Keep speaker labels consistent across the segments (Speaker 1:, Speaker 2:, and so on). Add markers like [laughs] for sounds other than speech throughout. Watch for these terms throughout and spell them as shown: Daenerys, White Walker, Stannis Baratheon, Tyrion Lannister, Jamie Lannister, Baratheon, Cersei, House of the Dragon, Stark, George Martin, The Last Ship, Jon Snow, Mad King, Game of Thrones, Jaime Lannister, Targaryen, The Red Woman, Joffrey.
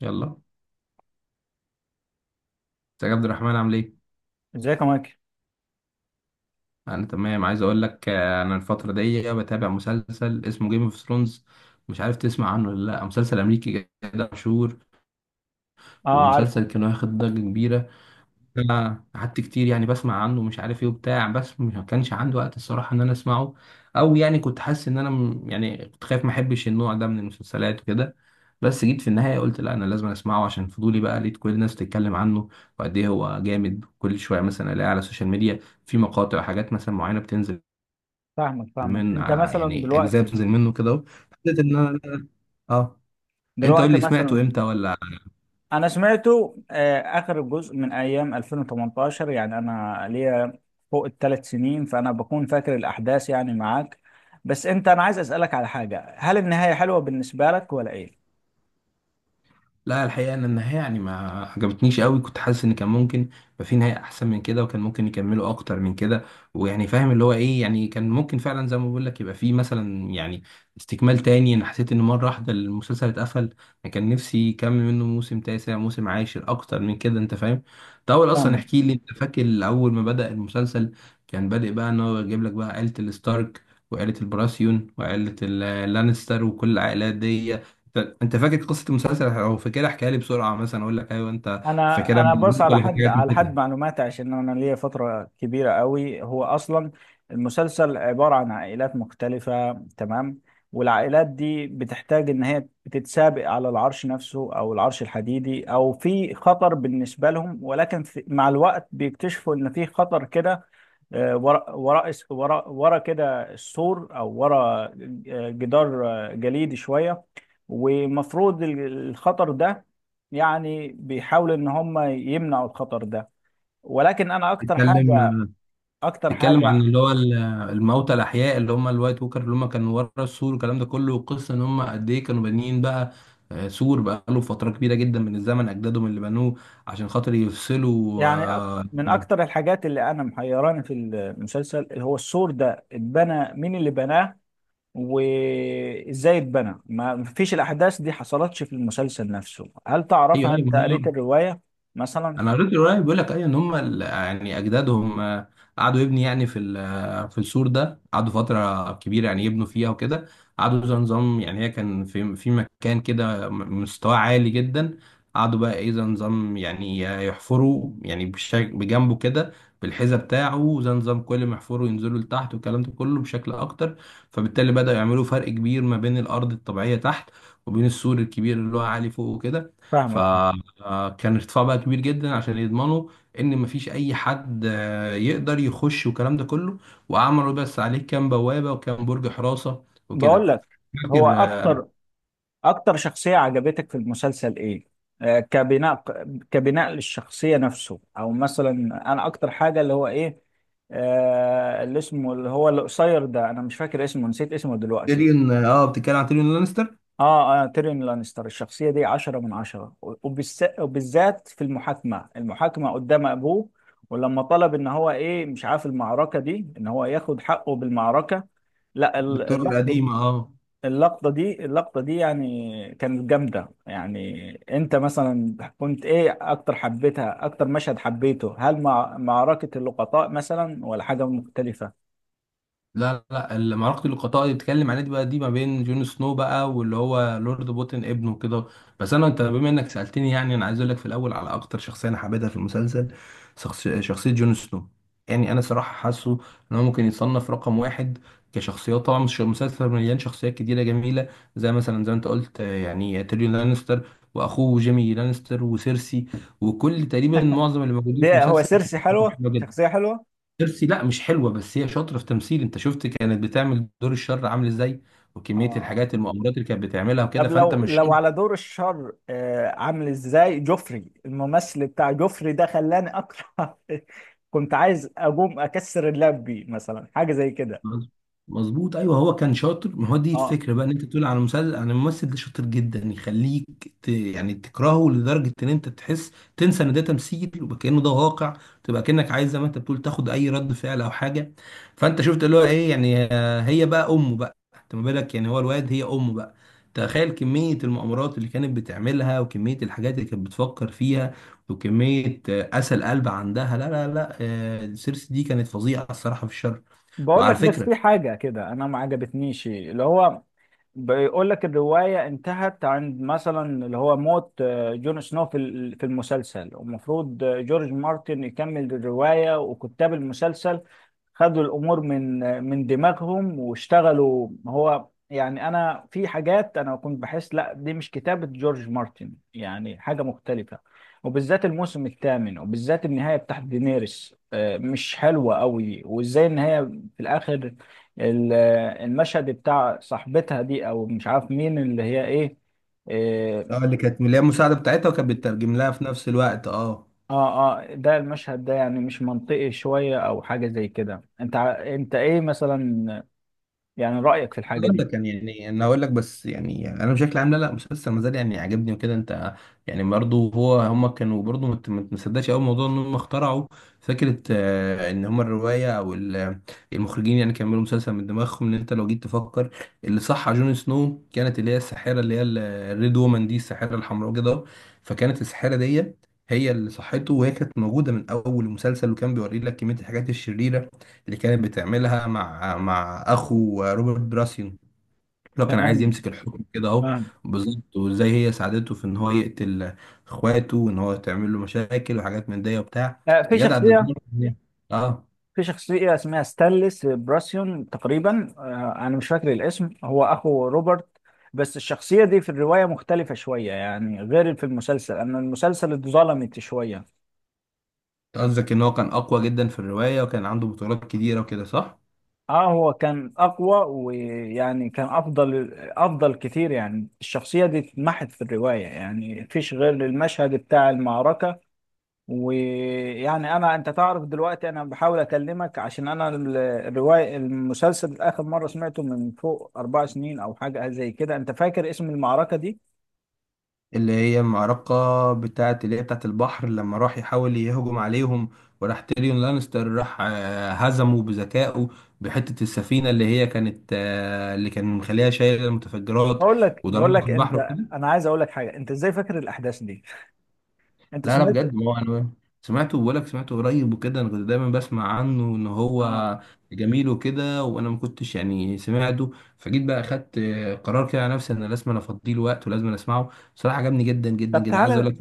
Speaker 1: يلا ازيك يا عبد الرحمن، عامل ايه؟
Speaker 2: ازيك يا مايكل.
Speaker 1: انا تمام. عايز اقول لك، انا الفتره دي بتابع مسلسل اسمه جيم اوف ثرونز. مش عارف تسمع عنه ولا لا؟ مسلسل امريكي كده مشهور،
Speaker 2: اه، عارف.
Speaker 1: ومسلسل كان واخد ضجه كبيره. أنا قعدت كتير يعني بسمع عنه، مش عارف ايه وبتاع، بس ما كانش عندي وقت الصراحه ان انا اسمعه. او يعني كنت حاسس ان انا يعني كنت خايف ما احبش النوع ده من المسلسلات وكده. بس جيت في النهايه قلت لا، انا لازم اسمعه عشان فضولي بقى. لقيت كل الناس بتتكلم عنه وقد ايه هو جامد. كل شويه مثلا الاقي على السوشيال ميديا في مقاطع وحاجات مثلا معينه بتنزل
Speaker 2: فاهمك فاهمك، انت مثلا
Speaker 1: يعني اجزاء
Speaker 2: دلوقتي
Speaker 1: بتنزل منه كده أهو. حسيت ان انا اه. انت قول
Speaker 2: دلوقتي
Speaker 1: لي، سمعته
Speaker 2: مثلا
Speaker 1: امتى ولا؟
Speaker 2: انا سمعته اخر جزء من ايام 2018، يعني انا ليا فوق الثلاث سنين فانا بكون فاكر الاحداث، يعني معاك. بس انت، انا عايز اسالك على حاجه، هل النهايه حلوه بالنسبه لك ولا ايه؟
Speaker 1: لا، الحقيقة أن النهاية يعني ما عجبتنيش قوي. كنت حاسس إن كان ممكن يبقى في نهاية أحسن من كده، وكان ممكن يكملوا أكتر من كده، ويعني فاهم اللي هو إيه، يعني كان ممكن فعلا زي ما بقول لك يبقى في مثلا يعني استكمال تاني. أنا حسيت إن مرة واحدة المسلسل اتقفل. أنا كان نفسي يكمل منه موسم تاسع، موسم عاشر، أكتر من كده، أنت فاهم. ده أول، أصلا
Speaker 2: فاهمك.
Speaker 1: احكي لي، أنت فاكر أول ما بدأ المسلسل كان بادئ بقى إن هو يجيب لك بقى عيلة الستارك وعيلة البراسيون وعيلة اللانستر وكل العائلات دي. انت فاكر قصه المسلسل او فاكرها؟ احكيها لي بسرعه، مثلا اقول لك ايوه انت
Speaker 2: انا
Speaker 1: فاكرها
Speaker 2: انا
Speaker 1: من
Speaker 2: بص،
Speaker 1: الهبوط
Speaker 2: على
Speaker 1: ولا في
Speaker 2: حد
Speaker 1: حاجات
Speaker 2: على
Speaker 1: نسيتها.
Speaker 2: حد معلوماتي، عشان انا ليا فتره كبيره قوي. هو اصلا المسلسل عباره عن عائلات مختلفه، تمام، والعائلات دي بتحتاج ان هي بتتسابق على العرش نفسه او العرش الحديدي، او في خطر بالنسبه لهم، ولكن في مع الوقت بيكتشفوا ان في خطر كده ورا ورا ورا ورا كده السور، او ورا جدار جليدي شويه. ومفروض الخطر ده يعني بيحاولوا ان هم يمنعوا الخطر ده. ولكن انا اكتر حاجه،
Speaker 1: تتكلم
Speaker 2: اكتر
Speaker 1: تتكلم عن
Speaker 2: حاجه،
Speaker 1: اللي هو الموتى الاحياء اللي هم الوايت ووكر، اللي هم كانوا ورا السور والكلام ده كله. والقصه ان هم قد ايه كانوا بانيين بقى سور بقى له فتره كبيره جدا من الزمن، اجدادهم اللي بنوه عشان خاطر يفصلوا
Speaker 2: يعني من اكتر الحاجات اللي انا محيراني في المسلسل اللي هو السور ده، اتبنى مين اللي بناه وازاي اتبنى؟ ما فيش الاحداث دي حصلتش في المسلسل نفسه. هل
Speaker 1: ايوه
Speaker 2: تعرفها؟ انت قريت
Speaker 1: ايوه.
Speaker 2: الروايه مثلا؟
Speaker 1: انا قريت الروايه. بيقول لك اي ان هم يعني اجدادهم قعدوا يبني يعني في في السور ده قعدوا فتره كبيره يعني يبنوا فيها وكده. قعدوا زي نظام، يعني هي كان في مكان كده مستواه عالي جدا. قعدوا بقى ايه زي نظام يعني يحفروا، يعني بشكل بجنبه كده، بالحذاء بتاعه. زي نظام كل ما يحفروا ينزلوا لتحت والكلام ده كله بشكل اكتر. فبالتالي بدأوا يعملوا فرق كبير ما بين الارض الطبيعيه تحت، وبين السور الكبير اللي هو عالي فوق وكده. ف
Speaker 2: فاهمك.
Speaker 1: كان ارتفاع بقى كبير جدا، عشان يضمنوا ان مفيش اي حد يقدر يخش والكلام ده كله. وعملوا بس عليه كام بوابه وكام برج حراسه
Speaker 2: بقول
Speaker 1: وكده.
Speaker 2: لك، هو
Speaker 1: فاكر
Speaker 2: اكتر اكتر شخصية عجبتك في المسلسل ايه؟ كبناء، كبناء للشخصية نفسه، او مثلا انا اكتر حاجة اللي هو ايه، آه اللي اسمه اللي هو القصير ده، انا مش فاكر اسمه، نسيت اسمه دلوقتي.
Speaker 1: تيريون. اه، بتتكلم عن تيريون لانستر.
Speaker 2: اه اه، تيريون لانستر، الشخصية دي عشرة من عشرة، وبالذات في المحاكمة، المحاكمة قدام ابوه، ولما طلب ان هو ايه، مش عارف، المعركة دي، ان هو ياخد حقه بالمعركة. لا ال-
Speaker 1: بالطرق
Speaker 2: اللحظة،
Speaker 1: القديمه، اه.
Speaker 2: اللقطة دي، اللقطة دي يعني كانت جامدة. يعني انت مثلا كنت ايه اكتر، حبيتها اكتر مشهد، حبيته هل مع معركة اللقطاء مثلا، ولا حاجة مختلفة؟
Speaker 1: لا لا، معركة اللقطاء اللي بتتكلم عليها دي بقى، دي ما بين جون سنو بقى واللي هو لورد بوتن ابنه كده. بس انا، بما انك سألتني، يعني انا عايز اقول لك في الاول على اكتر شخصية انا حبيتها في المسلسل. شخصية جون سنو. يعني انا صراحة حاسه ان هو ممكن يتصنف رقم واحد كشخصيات. طبعا مش، مسلسل مليان شخصيات كتيرة جميلة، زي مثلا زي ما انت قلت يعني تيريون لانستر واخوه جيمي لانستر وسيرسي. وكل، تقريبا معظم اللي موجودين في
Speaker 2: ده هو
Speaker 1: المسلسل كانت
Speaker 2: سيرسي
Speaker 1: شخصيتهم
Speaker 2: حلوة،
Speaker 1: حلوة.
Speaker 2: شخصية حلوة.
Speaker 1: ترسي لا مش حلوه، بس هي شاطره في تمثيل. انت شفت كانت بتعمل دور الشر عامل ازاي،
Speaker 2: اه
Speaker 1: وكميه
Speaker 2: اه.
Speaker 1: الحاجات المؤامرات اللي كانت بتعملها وكده،
Speaker 2: طب
Speaker 1: فانت
Speaker 2: لو
Speaker 1: مش.
Speaker 2: لو على دور الشر، آه، عامل ازاي جوفري، الممثل بتاع جوفري ده خلاني اكره [laughs] كنت عايز اقوم اكسر اللاب بيه مثلا، حاجة زي كده.
Speaker 1: مظ- مظبوط، ايوه. هو كان شاطر. ما هو دي
Speaker 2: اه.
Speaker 1: الفكره بقى، ان انت تقول على مسلسل عن الممثل ده شاطر جدا يخليك يعني تكرهه لدرجه ان انت تحس، تنسى ان ده تمثيل وكانه ده واقع. تبقى كانك عايز زي ما انت بتقول تاخد اي رد فعل او حاجه. فانت شفت اللي هو ايه، يعني هي بقى امه بقى. انت ما بالك، يعني هو الواد هي امه بقى. تخيل كميه المؤامرات اللي كانت بتعملها، وكميه الحاجات اللي كانت بتفكر فيها، وكميه قسى القلب عندها. لا لا لا، سيرسي دي كانت فظيعه الصراحه في الشر.
Speaker 2: بقول
Speaker 1: وعلى
Speaker 2: لك، بس
Speaker 1: فكرة،
Speaker 2: في حاجة كده أنا ما عجبتنيش، اللي هو بيقول لك الرواية انتهت عند مثلا اللي هو موت جون سنو، في المسلسل، ومفروض جورج مارتن يكمل الرواية، وكتاب المسلسل خدوا الأمور من من دماغهم واشتغلوا هو. يعني أنا في حاجات أنا كنت بحس لا دي مش كتابة جورج مارتن، يعني حاجة مختلفة، وبالذات الموسم الثامن، وبالذات النهاية بتاعت دينيريس مش حلوة قوي، وإزاي إن هي في الآخر، ال- المشهد بتاع صاحبتها دي، او مش عارف مين اللي هي ايه، إيه،
Speaker 1: اه اللي كانت، اللي هي المساعده بتاعتها وكانت بتترجم لها في نفس الوقت، اه.
Speaker 2: اه اه، ده المشهد ده يعني مش منطقي شوية، او حاجة زي كده. انت انت ايه مثلا يعني رأيك في الحاجة
Speaker 1: اقول
Speaker 2: دي؟
Speaker 1: لك يعني، انا اقول لك بس، يعني انا بشكل عام لا لا، مسلسل ما زال يعني عاجبني وكده انت. يعني برضه هو، كانوا برضه ما ما تصدقش قوي موضوع ان هم اخترعوا فكره ان هم الروايه او المخرجين يعني كملوا مسلسل من دماغهم. ان انت لو جيت تفكر، اللي صح على جون سنو كانت اللي هي الساحره، اللي هي الريد وومن دي، الساحره الحمراء كده. فكانت الساحره دي هي اللي صحته، وهي كانت موجوده من اول المسلسل، وكان بيوري لك كميه الحاجات الشريره اللي كانت بتعملها مع اخو روبرت براسيون لو كان عايز
Speaker 2: تمام،
Speaker 1: يمسك الحكم كده اهو.
Speaker 2: فاهم.
Speaker 1: بالظبط، وازاي هي ساعدته في ان هو يقتل اخواته، وان هو تعمل له مشاكل وحاجات من دي وبتاع.
Speaker 2: آه، في
Speaker 1: يا جدع ده
Speaker 2: شخصية،
Speaker 1: دمار. اه،
Speaker 2: في شخصية اسمها ستانلس براسيون تقريبا، آه، انا مش فاكر الاسم، هو اخو روبرت، بس الشخصية دي في الرواية مختلفة شوية يعني غير في المسلسل، أن المسلسل اتظلمت شوية.
Speaker 1: قصدك ان هو كان اقوى جدا في الرواية وكان عنده بطولات كتيرة وكده، صح؟
Speaker 2: اه، هو كان اقوى، ويعني كان افضل، افضل كتير، يعني الشخصيه دي اتمحت في الروايه، يعني مفيش غير المشهد بتاع المعركه. ويعني انا، انت تعرف دلوقتي انا بحاول اكلمك عشان انا الروايه، المسلسل اخر مره سمعته من فوق اربع سنين او حاجه زي كده. انت فاكر اسم المعركه دي؟
Speaker 1: اللي هي معركة بتاعت، اللي هي بتاعت البحر لما راح يحاول يهجم عليهم، وراح تيريون لانستر راح هزمه بذكائه بحتة السفينة اللي هي كانت اللي كان مخليها شايلة المتفجرات
Speaker 2: بقول لك، بقول
Speaker 1: وضربها
Speaker 2: لك
Speaker 1: في البحر
Speaker 2: انت،
Speaker 1: وكده.
Speaker 2: انا عايز اقول لك حاجه، انت ازاي فاكر الاحداث دي؟ انت
Speaker 1: لا لا،
Speaker 2: سمعت؟
Speaker 1: بجد، ما هو أنا سمعته، بقولك سمعته قريب وكده. أنا كنت دايما بسمع عنه إن
Speaker 2: اه.
Speaker 1: هو جميل وكده، وأنا ما كنتش يعني سمعته. فجيت بقى أخدت قرار كده على نفسي إن لازم أنا أفضيه الوقت ولازم أنا أسمعه. بصراحة عجبني جدا جدا
Speaker 2: طب
Speaker 1: جدا، عايز أقول
Speaker 2: تعالى،
Speaker 1: لك.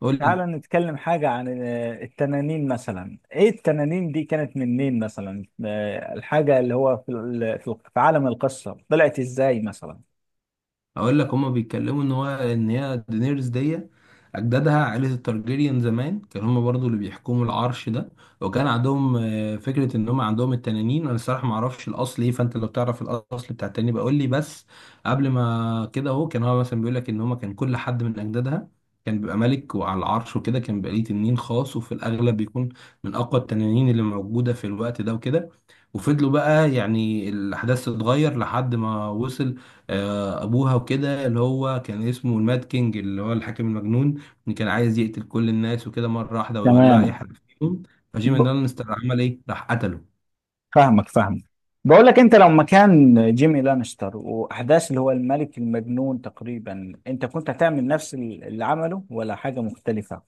Speaker 1: قول
Speaker 2: تعال
Speaker 1: لي.
Speaker 2: نتكلم حاجة عن التنانين مثلا. ايه التنانين دي كانت منين مثلا، الحاجة اللي هو في في عالم القصة طلعت ازاي مثلا؟
Speaker 1: اقول لك، هما بيتكلموا ان هو، ان هي دينيرز دي اجدادها عائله التارجيريان زمان كانوا هما برضو اللي بيحكموا العرش ده. وكان عندهم فكره ان هما عندهم التنانين. انا الصراحه ما اعرفش الاصل ايه، فانت لو تعرف الاصل بتاع التنانين بقول لي. بس قبل ما كده اهو، كان هو مثلا بيقول لك ان هما كان كل حد من اجدادها كان بيبقى ملك وعلى العرش وكده، كان بيبقى ليه تنين خاص، وفي الاغلب بيكون من اقوى التنانين اللي موجوده في الوقت ده وكده. وفضلوا بقى يعني الاحداث تتغير لحد ما وصل ابوها وكده، اللي هو كان اسمه الماد كينج، اللي هو الحاكم المجنون اللي كان عايز يقتل كل الناس وكده مره واحده ويولع اي
Speaker 2: تمام.
Speaker 1: حد فيهم. فجيمي
Speaker 2: ب-
Speaker 1: لانستر عمل ايه؟ راح قتله.
Speaker 2: فاهمك فاهمك. بقول لك، انت لو مكان جيمي لانستر، واحداث اللي هو الملك المجنون تقريبا، انت كنت هتعمل نفس اللي عمله، ولا حاجة مختلفة؟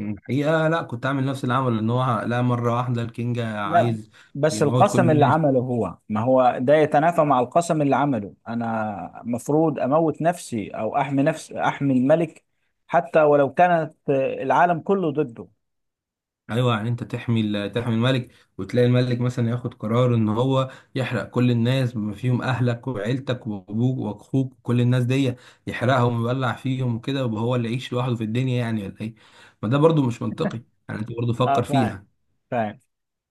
Speaker 1: الحقيقه لا، كنت عامل نفس اللي عمله. ان هو لا، مره واحده الكينج
Speaker 2: لا،
Speaker 1: عايز
Speaker 2: بس
Speaker 1: يموت كل
Speaker 2: القسم اللي
Speaker 1: الناس.
Speaker 2: عمله هو، ما هو ده يتنافى مع القسم اللي عمله، انا مفروض اموت نفسي، او احمي نفسي، احمي الملك، حتى ولو كانت العالم كله ضده.
Speaker 1: ايوه، يعني انت تحمي تحمي الملك، وتلاقي الملك مثلا ياخد قرار ان هو يحرق كل الناس بما فيهم اهلك وعيلتك وابوك واخوك وكل الناس دي، يحرقهم ويولع فيهم وكده، يبقى هو اللي يعيش لوحده في الدنيا يعني، ولا ايه؟ ما ده برضو مش منطقي. يعني انت برضو
Speaker 2: اه
Speaker 1: فكر
Speaker 2: فاهم،
Speaker 1: فيها.
Speaker 2: فاهم.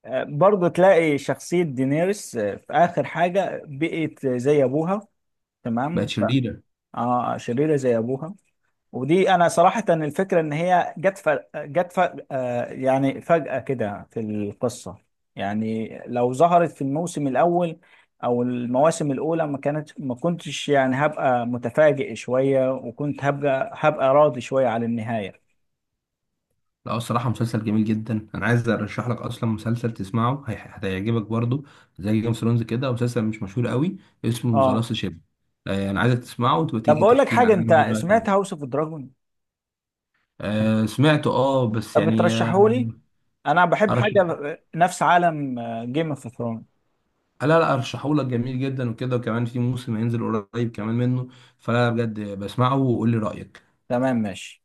Speaker 2: آه، برضه تلاقي شخصية دينيرس في آخر حاجة بقت زي أبوها،
Speaker 1: بقت
Speaker 2: تمام،
Speaker 1: شريرة.
Speaker 2: اه شريرة زي أبوها. ودي انا صراحة الفكرة ان هي جت ف... آه يعني فجأة كده في القصة، يعني لو ظهرت في الموسم الاول او المواسم الاولى ما كانت، ما كنتش يعني هبقى متفاجئ شوية، وكنت هبقى، هبقى راضي شوية على النهاية.
Speaker 1: لا، الصراحة مسلسل جميل جدا. انا عايز ارشح لك اصلا مسلسل تسمعه هتعجبك برضو زي جيم اوف ثرونز كده، مسلسل مش مشهور قوي، اسمه ذا
Speaker 2: اه،
Speaker 1: لاست شيب. انا عايزك تسمعه وتبقى
Speaker 2: طب
Speaker 1: تيجي
Speaker 2: بقول لك
Speaker 1: تحكي لي
Speaker 2: حاجة،
Speaker 1: عنه
Speaker 2: انت سمعت
Speaker 1: دلوقتي.
Speaker 2: هاوس اوف دراجون؟
Speaker 1: آه سمعته، اه، بس
Speaker 2: طب
Speaker 1: يعني آه.
Speaker 2: بترشحه لي؟ انا بحب
Speaker 1: ارشح؟
Speaker 2: حاجة نفس عالم جيم اوف ثرونز.
Speaker 1: لا لا، ارشحه لك، جميل جدا وكده، وكمان في موسم هينزل قريب كمان منه. فلا بجد بسمعه وقول لي رأيك.
Speaker 2: تمام ماشي.